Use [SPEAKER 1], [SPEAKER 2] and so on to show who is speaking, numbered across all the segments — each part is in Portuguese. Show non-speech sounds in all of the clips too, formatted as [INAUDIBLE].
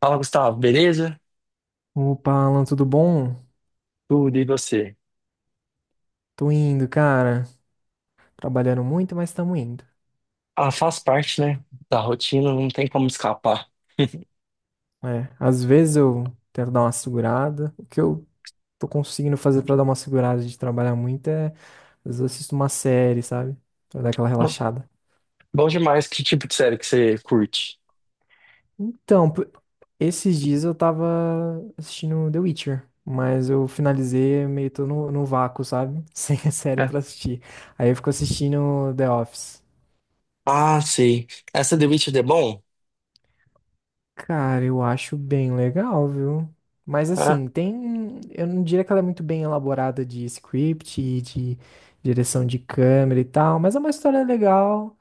[SPEAKER 1] Fala, Gustavo, beleza?
[SPEAKER 2] Opa, Alan, tudo bom?
[SPEAKER 1] Tudo e você?
[SPEAKER 2] Tô indo, cara. Trabalhando muito, mas estamos indo.
[SPEAKER 1] Ah, faz parte, né, da rotina, não tem como escapar.
[SPEAKER 2] É, às vezes eu tento dar uma segurada. O que eu tô conseguindo fazer pra dar uma segurada de trabalhar muito é, às vezes eu assisto uma série, sabe? Pra dar aquela
[SPEAKER 1] Não,
[SPEAKER 2] relaxada.
[SPEAKER 1] bom demais, que tipo de série que você curte?
[SPEAKER 2] Então, esses dias eu tava assistindo The Witcher, mas eu finalizei meio tô no vácuo, sabe? [LAUGHS] Sem a série
[SPEAKER 1] É.
[SPEAKER 2] pra assistir. Aí eu fico assistindo The Office.
[SPEAKER 1] Ah, sei. Essa The Witcher é bom?
[SPEAKER 2] Cara, eu acho bem legal, viu? Mas
[SPEAKER 1] É.
[SPEAKER 2] assim, tem. Eu não diria que ela é muito bem elaborada de script e de direção de câmera e tal, mas é uma história legal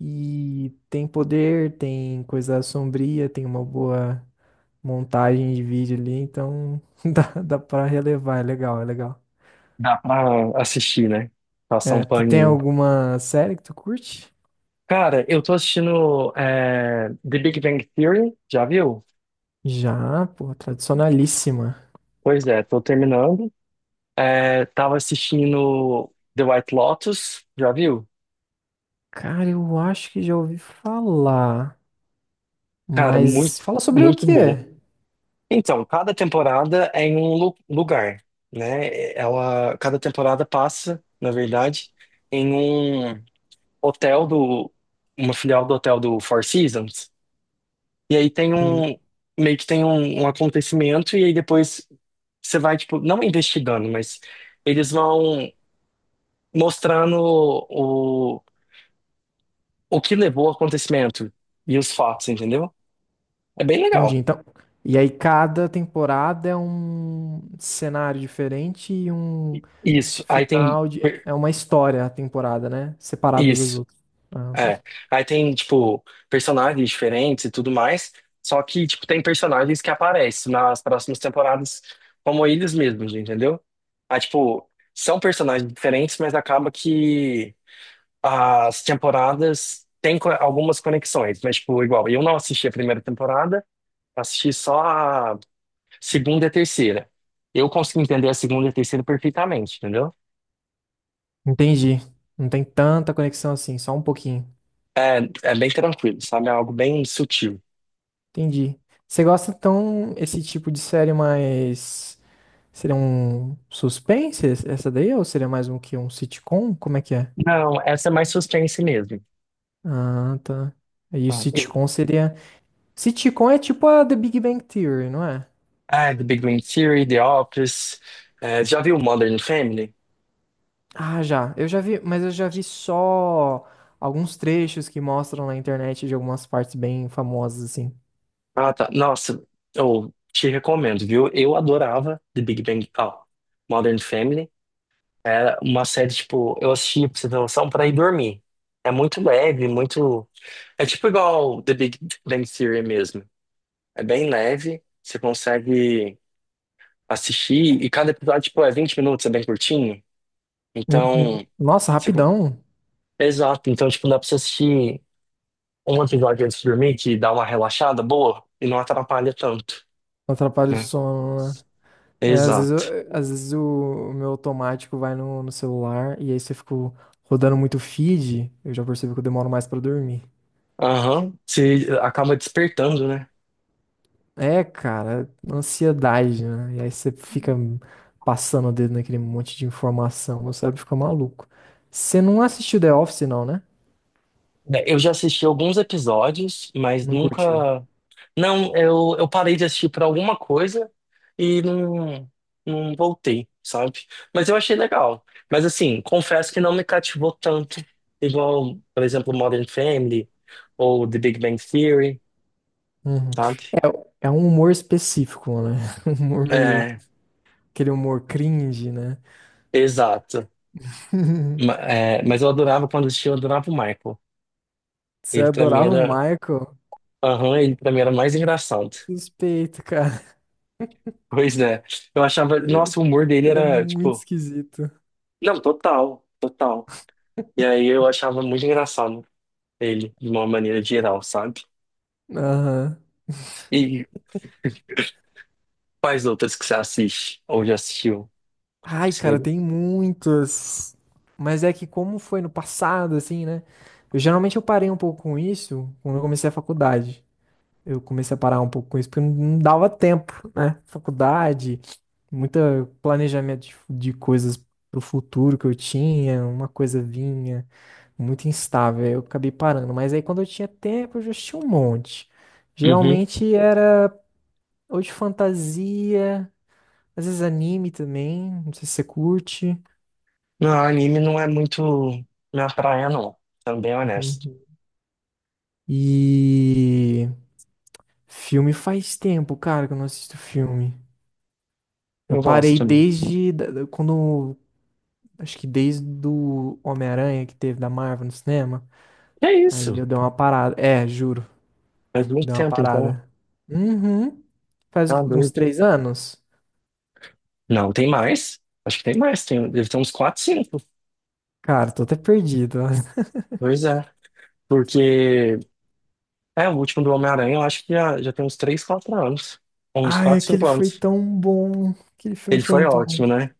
[SPEAKER 2] e tem poder, tem coisa sombria, tem uma boa montagem de vídeo ali, então [LAUGHS] dá pra relevar, é legal, é legal.
[SPEAKER 1] Dá pra assistir, né? Passar um
[SPEAKER 2] É, tu tem
[SPEAKER 1] paninho.
[SPEAKER 2] alguma série que tu curte?
[SPEAKER 1] Cara, eu tô assistindo The Big Bang Theory, já viu?
[SPEAKER 2] Já, pô, tradicionalíssima.
[SPEAKER 1] Pois é, tô terminando. É, tava assistindo The White Lotus, já viu?
[SPEAKER 2] Cara, eu acho que já ouvi falar.
[SPEAKER 1] Cara,
[SPEAKER 2] Mas fala sobre o
[SPEAKER 1] muito
[SPEAKER 2] que
[SPEAKER 1] boa.
[SPEAKER 2] é.
[SPEAKER 1] Então, cada temporada é em um lugar, né? Ela, cada temporada passa, na verdade, em um hotel uma filial do hotel do Four Seasons. E aí
[SPEAKER 2] Hum,
[SPEAKER 1] meio que tem um acontecimento e aí depois você vai, tipo, não investigando, mas eles vão mostrando o, o que levou ao acontecimento e os fatos, entendeu? É bem
[SPEAKER 2] Entendi.
[SPEAKER 1] legal.
[SPEAKER 2] Então, e aí cada temporada é um cenário diferente e um
[SPEAKER 1] Isso. Aí tem
[SPEAKER 2] final de... É uma história a temporada, né? Separada das
[SPEAKER 1] isso.
[SPEAKER 2] outras. Ah, tá.
[SPEAKER 1] É, aí tem, tipo, personagens diferentes e tudo mais, só que, tipo, tem personagens que aparecem nas próximas temporadas como eles mesmos, entendeu? Aí, tipo, são personagens diferentes, mas acaba que as temporadas têm algumas conexões, mas, tipo, igual, eu não assisti a primeira temporada, assisti só a segunda e a terceira. Eu consegui entender a segunda e a terceira perfeitamente, entendeu?
[SPEAKER 2] Entendi. Não tem tanta conexão assim, só um pouquinho.
[SPEAKER 1] É, é bem tranquilo, sabe? É algo bem sutil.
[SPEAKER 2] Entendi. Você gosta então esse tipo de série mais seria um suspense essa daí ou seria mais um que um sitcom? Como é que é?
[SPEAKER 1] Não, essa é mais suspense mesmo.
[SPEAKER 2] Ah, tá. E o
[SPEAKER 1] Ah, e-
[SPEAKER 2] sitcom seria sitcom é tipo a The Big Bang Theory, não é?
[SPEAKER 1] ah, The Big Bang Theory, The Office. É, já viu Modern Family?
[SPEAKER 2] Ah, já. Eu já vi, mas eu já vi só alguns trechos que mostram na internet de algumas partes bem famosas, assim.
[SPEAKER 1] Ah, tá. Nossa, eu te recomendo, viu? Eu adorava The Big Bang, ó, Modern Family. Era uma série, tipo, eu assistia pra você ter noção, pra ir dormir. É muito leve, muito. É tipo igual The Big Bang Theory mesmo. É bem leve, você consegue assistir, e cada episódio, tipo, é 20 minutos, é bem curtinho.
[SPEAKER 2] Uhum.
[SPEAKER 1] Então,
[SPEAKER 2] Nossa,
[SPEAKER 1] você...
[SPEAKER 2] rapidão.
[SPEAKER 1] Exato, então, tipo, dá pra você assistir um episódio antes de dormir que dá uma relaxada boa e não atrapalha tanto,
[SPEAKER 2] Atrapalha o
[SPEAKER 1] né?
[SPEAKER 2] sono, né? É, às vezes,
[SPEAKER 1] Exato.
[SPEAKER 2] às vezes o meu automático vai no celular e aí se eu fico rodando muito feed, eu já percebo que eu demoro mais pra dormir.
[SPEAKER 1] Aham. Se acaba despertando, né?
[SPEAKER 2] É, cara, ansiedade, né? E aí você fica passando o dedo naquele monte de informação, meu cérebro fica maluco. Você não assistiu The Office, não, né?
[SPEAKER 1] Bem, eu já assisti alguns episódios, mas
[SPEAKER 2] Não
[SPEAKER 1] nunca.
[SPEAKER 2] curtiu.
[SPEAKER 1] Não, eu parei de assistir por alguma coisa e não voltei, sabe? Mas eu achei legal. Mas assim, confesso que não me cativou tanto, igual, por exemplo, Modern Family ou The Big Bang Theory,
[SPEAKER 2] Uhum.
[SPEAKER 1] sabe?
[SPEAKER 2] É, é um humor específico, né? [LAUGHS] Um humor meio.
[SPEAKER 1] É,
[SPEAKER 2] Aquele humor cringe, né?
[SPEAKER 1] exato.
[SPEAKER 2] [LAUGHS]
[SPEAKER 1] Mas eu adorava quando assistia, eu adorava o Michael.
[SPEAKER 2] Você
[SPEAKER 1] Ele pra mim
[SPEAKER 2] adorava o
[SPEAKER 1] era.
[SPEAKER 2] Michael?
[SPEAKER 1] Aham, ele pra mim era mais engraçado. [LAUGHS]
[SPEAKER 2] Suspeito, cara.
[SPEAKER 1] Pois é. Eu achava.
[SPEAKER 2] Ele,
[SPEAKER 1] Nossa, o humor dele
[SPEAKER 2] ele é
[SPEAKER 1] era,
[SPEAKER 2] muito
[SPEAKER 1] tipo.
[SPEAKER 2] esquisito.
[SPEAKER 1] Não, total, total. E aí eu achava muito engraçado ele, de uma maneira geral, sabe?
[SPEAKER 2] Aham.
[SPEAKER 1] E quais outras que você assiste? Ou já assistiu?
[SPEAKER 2] Ai,
[SPEAKER 1] Que
[SPEAKER 2] cara,
[SPEAKER 1] você...
[SPEAKER 2] tem muitas. Mas é que como foi no passado, assim, né? Eu geralmente eu parei um pouco com isso quando eu comecei a faculdade. Eu comecei a parar um pouco com isso porque não dava tempo, né? Faculdade, muito planejamento de coisas pro futuro que eu tinha, uma coisa vinha, muito instável. Aí eu acabei parando. Mas aí quando eu tinha tempo, eu já tinha um monte.
[SPEAKER 1] Uhum.
[SPEAKER 2] Geralmente era ou de fantasia, às vezes anime também, não sei se você curte.
[SPEAKER 1] Não, anime não é muito minha praia, não. Sendo bem honesto.
[SPEAKER 2] Uhum. E filme faz tempo, cara, que eu não assisto filme. Eu
[SPEAKER 1] Eu gosto
[SPEAKER 2] parei
[SPEAKER 1] também.
[SPEAKER 2] quando, acho que desde do Homem-Aranha que teve da Marvel no cinema.
[SPEAKER 1] É
[SPEAKER 2] Aí
[SPEAKER 1] isso.
[SPEAKER 2] eu dei uma parada. É, juro,
[SPEAKER 1] Faz muito
[SPEAKER 2] dei uma
[SPEAKER 1] tempo, então.
[SPEAKER 2] parada. Uhum. Faz
[SPEAKER 1] Tá
[SPEAKER 2] uns
[SPEAKER 1] doido.
[SPEAKER 2] 3 anos.
[SPEAKER 1] Não, tem mais. Acho que tem mais. Tem, deve ter uns 4, 5.
[SPEAKER 2] Cara, tô até perdido. [LAUGHS]
[SPEAKER 1] Pois é. Porque. É, o último do Homem-Aranha, eu acho que já tem uns 3, 4 anos. Uns
[SPEAKER 2] Ai,
[SPEAKER 1] 4,
[SPEAKER 2] aquele
[SPEAKER 1] 5
[SPEAKER 2] foi
[SPEAKER 1] anos.
[SPEAKER 2] tão bom. Aquele filme
[SPEAKER 1] Ele
[SPEAKER 2] foi
[SPEAKER 1] foi
[SPEAKER 2] muito bom.
[SPEAKER 1] ótimo, né?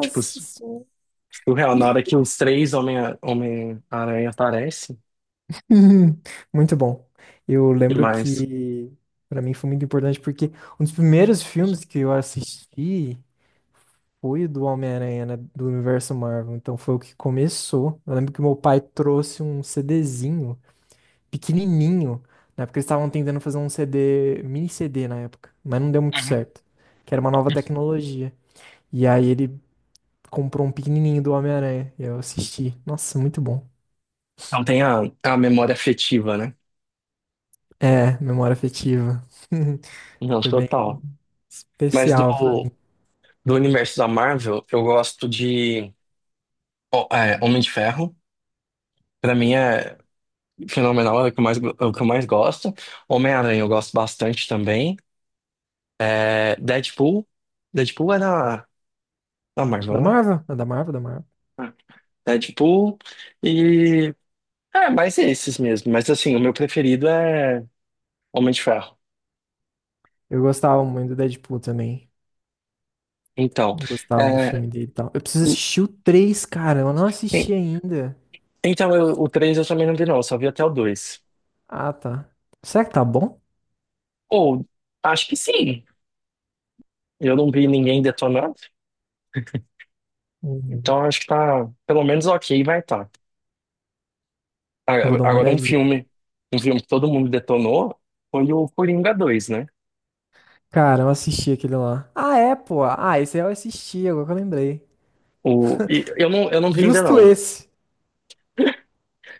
[SPEAKER 1] Tipo,
[SPEAKER 2] senhora.
[SPEAKER 1] surreal. Na hora que os três Homem-Aranha aparecem,
[SPEAKER 2] Uhum, muito bom. Eu
[SPEAKER 1] e
[SPEAKER 2] lembro
[SPEAKER 1] mais.
[SPEAKER 2] que pra mim foi muito importante porque um dos primeiros filmes que eu assisti foi o do Homem-Aranha, né, do universo Marvel. Então foi o que começou. Eu lembro que meu pai trouxe um CDzinho pequenininho, na época eles estavam tentando fazer um CD, mini CD na época, mas não deu muito
[SPEAKER 1] Uhum.
[SPEAKER 2] certo, que era uma nova tecnologia. E aí ele comprou um pequenininho do Homem-Aranha e eu assisti. Nossa, muito bom.
[SPEAKER 1] Não tem a memória afetiva, né?
[SPEAKER 2] É, memória afetiva.
[SPEAKER 1] Não,
[SPEAKER 2] [LAUGHS] Foi bem
[SPEAKER 1] total. Mas
[SPEAKER 2] especial pra mim.
[SPEAKER 1] do universo da Marvel, eu gosto de Homem de Ferro. Pra mim é. Fenomenal é o que é o que eu mais gosto. Homem-Aranha eu gosto bastante também. É, Deadpool. Deadpool é da na
[SPEAKER 2] Da
[SPEAKER 1] Marvel, né?
[SPEAKER 2] Marvel? É da Marvel, da Marvel.
[SPEAKER 1] Ah, Deadpool e... É, mais esses mesmo. Mas assim, o meu preferido é Homem de Ferro.
[SPEAKER 2] Eu gostava muito do Deadpool também.
[SPEAKER 1] Então,
[SPEAKER 2] Eu gostava do
[SPEAKER 1] é,
[SPEAKER 2] filme dele e tal. Eu preciso
[SPEAKER 1] e-
[SPEAKER 2] assistir o 3, cara. Eu não
[SPEAKER 1] e-
[SPEAKER 2] assisti ainda.
[SPEAKER 1] então o 3 eu também não vi não, eu só vi até o dois.
[SPEAKER 2] Ah, tá. Será que tá bom?
[SPEAKER 1] Ou, acho que sim. Eu não vi ninguém detonando,
[SPEAKER 2] Uhum.
[SPEAKER 1] então acho que tá pelo menos ok, vai estar.
[SPEAKER 2] Eu vou
[SPEAKER 1] a-
[SPEAKER 2] dar uma
[SPEAKER 1] Agora,
[SPEAKER 2] olhadinha.
[SPEAKER 1] um filme que todo mundo detonou foi o Coringa dois, né?
[SPEAKER 2] Cara, eu assisti aquele lá. Ah, é, pô. Ah, esse aí eu assisti, agora que eu lembrei.
[SPEAKER 1] O, e eu
[SPEAKER 2] [LAUGHS]
[SPEAKER 1] não vi ainda
[SPEAKER 2] Justo
[SPEAKER 1] não,
[SPEAKER 2] esse.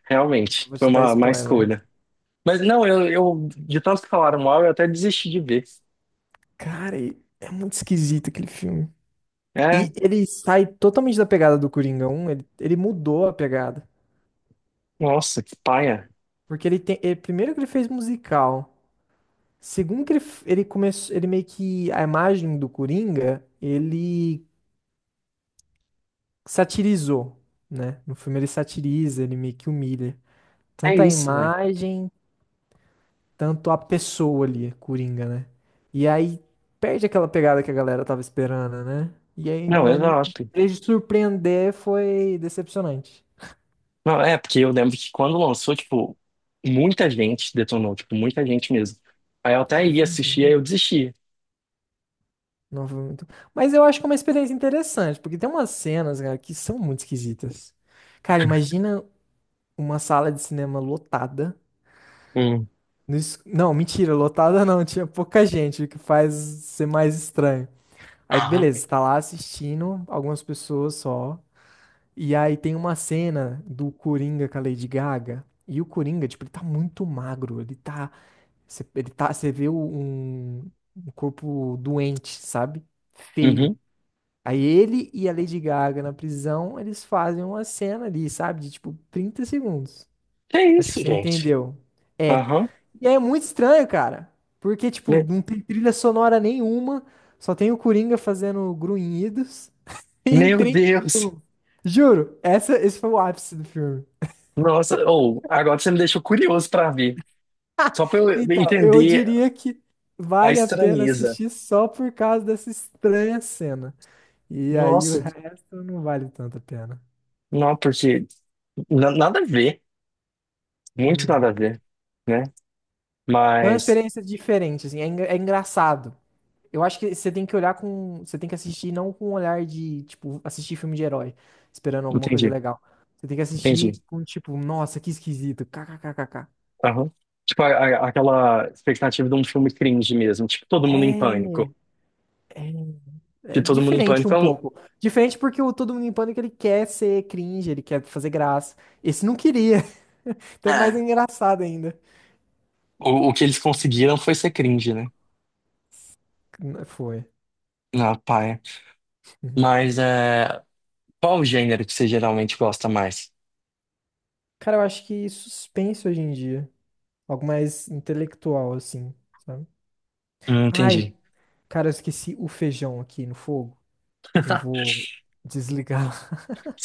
[SPEAKER 1] realmente,
[SPEAKER 2] Vou
[SPEAKER 1] foi
[SPEAKER 2] te dar
[SPEAKER 1] uma
[SPEAKER 2] spoiler.
[SPEAKER 1] escolha. Mas não, eu, de tanto que falaram mal, eu até desisti de ver.
[SPEAKER 2] Cara, é muito esquisito aquele filme. E
[SPEAKER 1] É,
[SPEAKER 2] ele sai totalmente da pegada do Coringa 1, ele mudou a pegada.
[SPEAKER 1] nossa, que paia.
[SPEAKER 2] Porque ele tem. Primeiro que ele fez musical. Segundo que ele, ele começou. Ele meio que. A imagem do Coringa, ele satirizou, né? No filme ele satiriza, ele meio que humilha.
[SPEAKER 1] É
[SPEAKER 2] Tanto a
[SPEAKER 1] isso, né?
[SPEAKER 2] imagem, tanto a pessoa ali, Coringa, né? E aí perde aquela pegada que a galera tava esperando, né? E aí,
[SPEAKER 1] Não,
[SPEAKER 2] mas em
[SPEAKER 1] exato.
[SPEAKER 2] vez de surpreender, foi decepcionante.
[SPEAKER 1] Não, é, porque eu lembro que quando lançou, tipo, muita gente detonou, tipo, muita gente mesmo. Aí eu até
[SPEAKER 2] Ai,
[SPEAKER 1] ia
[SPEAKER 2] foi muito
[SPEAKER 1] assistir, aí
[SPEAKER 2] ruim.
[SPEAKER 1] eu desisti.
[SPEAKER 2] Não foi muito. Mas eu acho que é uma experiência interessante, porque tem umas cenas, cara, que são muito esquisitas. Cara, imagina uma sala de cinema lotada.
[SPEAKER 1] Hum.
[SPEAKER 2] Não, mentira, lotada não, tinha pouca gente, o que faz ser mais estranho. Aí,
[SPEAKER 1] Aham.
[SPEAKER 2] beleza, você tá lá assistindo, algumas pessoas só. E aí tem uma cena do Coringa com a Lady Gaga. E o Coringa, tipo, ele tá muito magro. Ele tá. Você, você vê um corpo doente, sabe?
[SPEAKER 1] Uhum.
[SPEAKER 2] Feio. Aí ele e a Lady Gaga na prisão, eles fazem uma cena ali, sabe? De tipo 30 segundos.
[SPEAKER 1] Que
[SPEAKER 2] Acho que
[SPEAKER 1] isso,
[SPEAKER 2] você
[SPEAKER 1] gente?
[SPEAKER 2] entendeu. É.
[SPEAKER 1] Aham.
[SPEAKER 2] E aí é muito estranho, cara. Porque, tipo,
[SPEAKER 1] Me-
[SPEAKER 2] não tem trilha sonora nenhuma. Só tem o Coringa fazendo grunhidos [LAUGHS] em
[SPEAKER 1] Meu
[SPEAKER 2] trinta
[SPEAKER 1] Deus!
[SPEAKER 2] segundos. Juro, esse foi o ápice do filme.
[SPEAKER 1] Nossa, ou agora você me deixou curioso para ver. Só para eu
[SPEAKER 2] Então, eu
[SPEAKER 1] entender
[SPEAKER 2] diria que
[SPEAKER 1] a
[SPEAKER 2] vale a pena
[SPEAKER 1] estranheza.
[SPEAKER 2] assistir só por causa dessa estranha cena. E aí o
[SPEAKER 1] Nossa,
[SPEAKER 2] resto não vale tanto a pena.
[SPEAKER 1] não, porque nada a ver, muito
[SPEAKER 2] Uhum.
[SPEAKER 1] nada a ver, né?
[SPEAKER 2] Foi uma
[SPEAKER 1] Mas
[SPEAKER 2] experiência diferente, assim, é, é engraçado. Eu acho que você tem que olhar com. Você tem que assistir não com um olhar de, tipo, assistir filme de herói, esperando alguma coisa
[SPEAKER 1] entendi,
[SPEAKER 2] legal. Você tem que
[SPEAKER 1] entendi.
[SPEAKER 2] assistir com, tipo, nossa, que esquisito, kkkk.
[SPEAKER 1] Aham. Tipo, aquela expectativa de um filme cringe mesmo, tipo, todo mundo em pânico.
[SPEAKER 2] É, é,
[SPEAKER 1] De
[SPEAKER 2] é
[SPEAKER 1] todo mundo em
[SPEAKER 2] diferente
[SPEAKER 1] pânico.
[SPEAKER 2] um
[SPEAKER 1] É
[SPEAKER 2] pouco. Diferente porque o Todo Mundo em Pânico ele quer ser cringe, ele quer fazer graça. Esse não queria. [LAUGHS] Então é mais
[SPEAKER 1] É.
[SPEAKER 2] engraçado ainda.
[SPEAKER 1] O, o que eles conseguiram foi ser cringe, né?
[SPEAKER 2] Foi.
[SPEAKER 1] Na paia.
[SPEAKER 2] Uhum.
[SPEAKER 1] Mas é, qual o gênero que você geralmente gosta mais?
[SPEAKER 2] Cara, eu acho que suspense hoje em dia. Algo mais intelectual, assim, sabe? Ai,
[SPEAKER 1] Entendi.
[SPEAKER 2] cara, eu esqueci o feijão aqui no fogo. Eu
[SPEAKER 1] [LAUGHS]
[SPEAKER 2] vou desligar.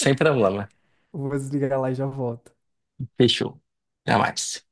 [SPEAKER 1] Sem problema.
[SPEAKER 2] [LAUGHS] Vou desligar lá e já volto.
[SPEAKER 1] Fechou. Até mais.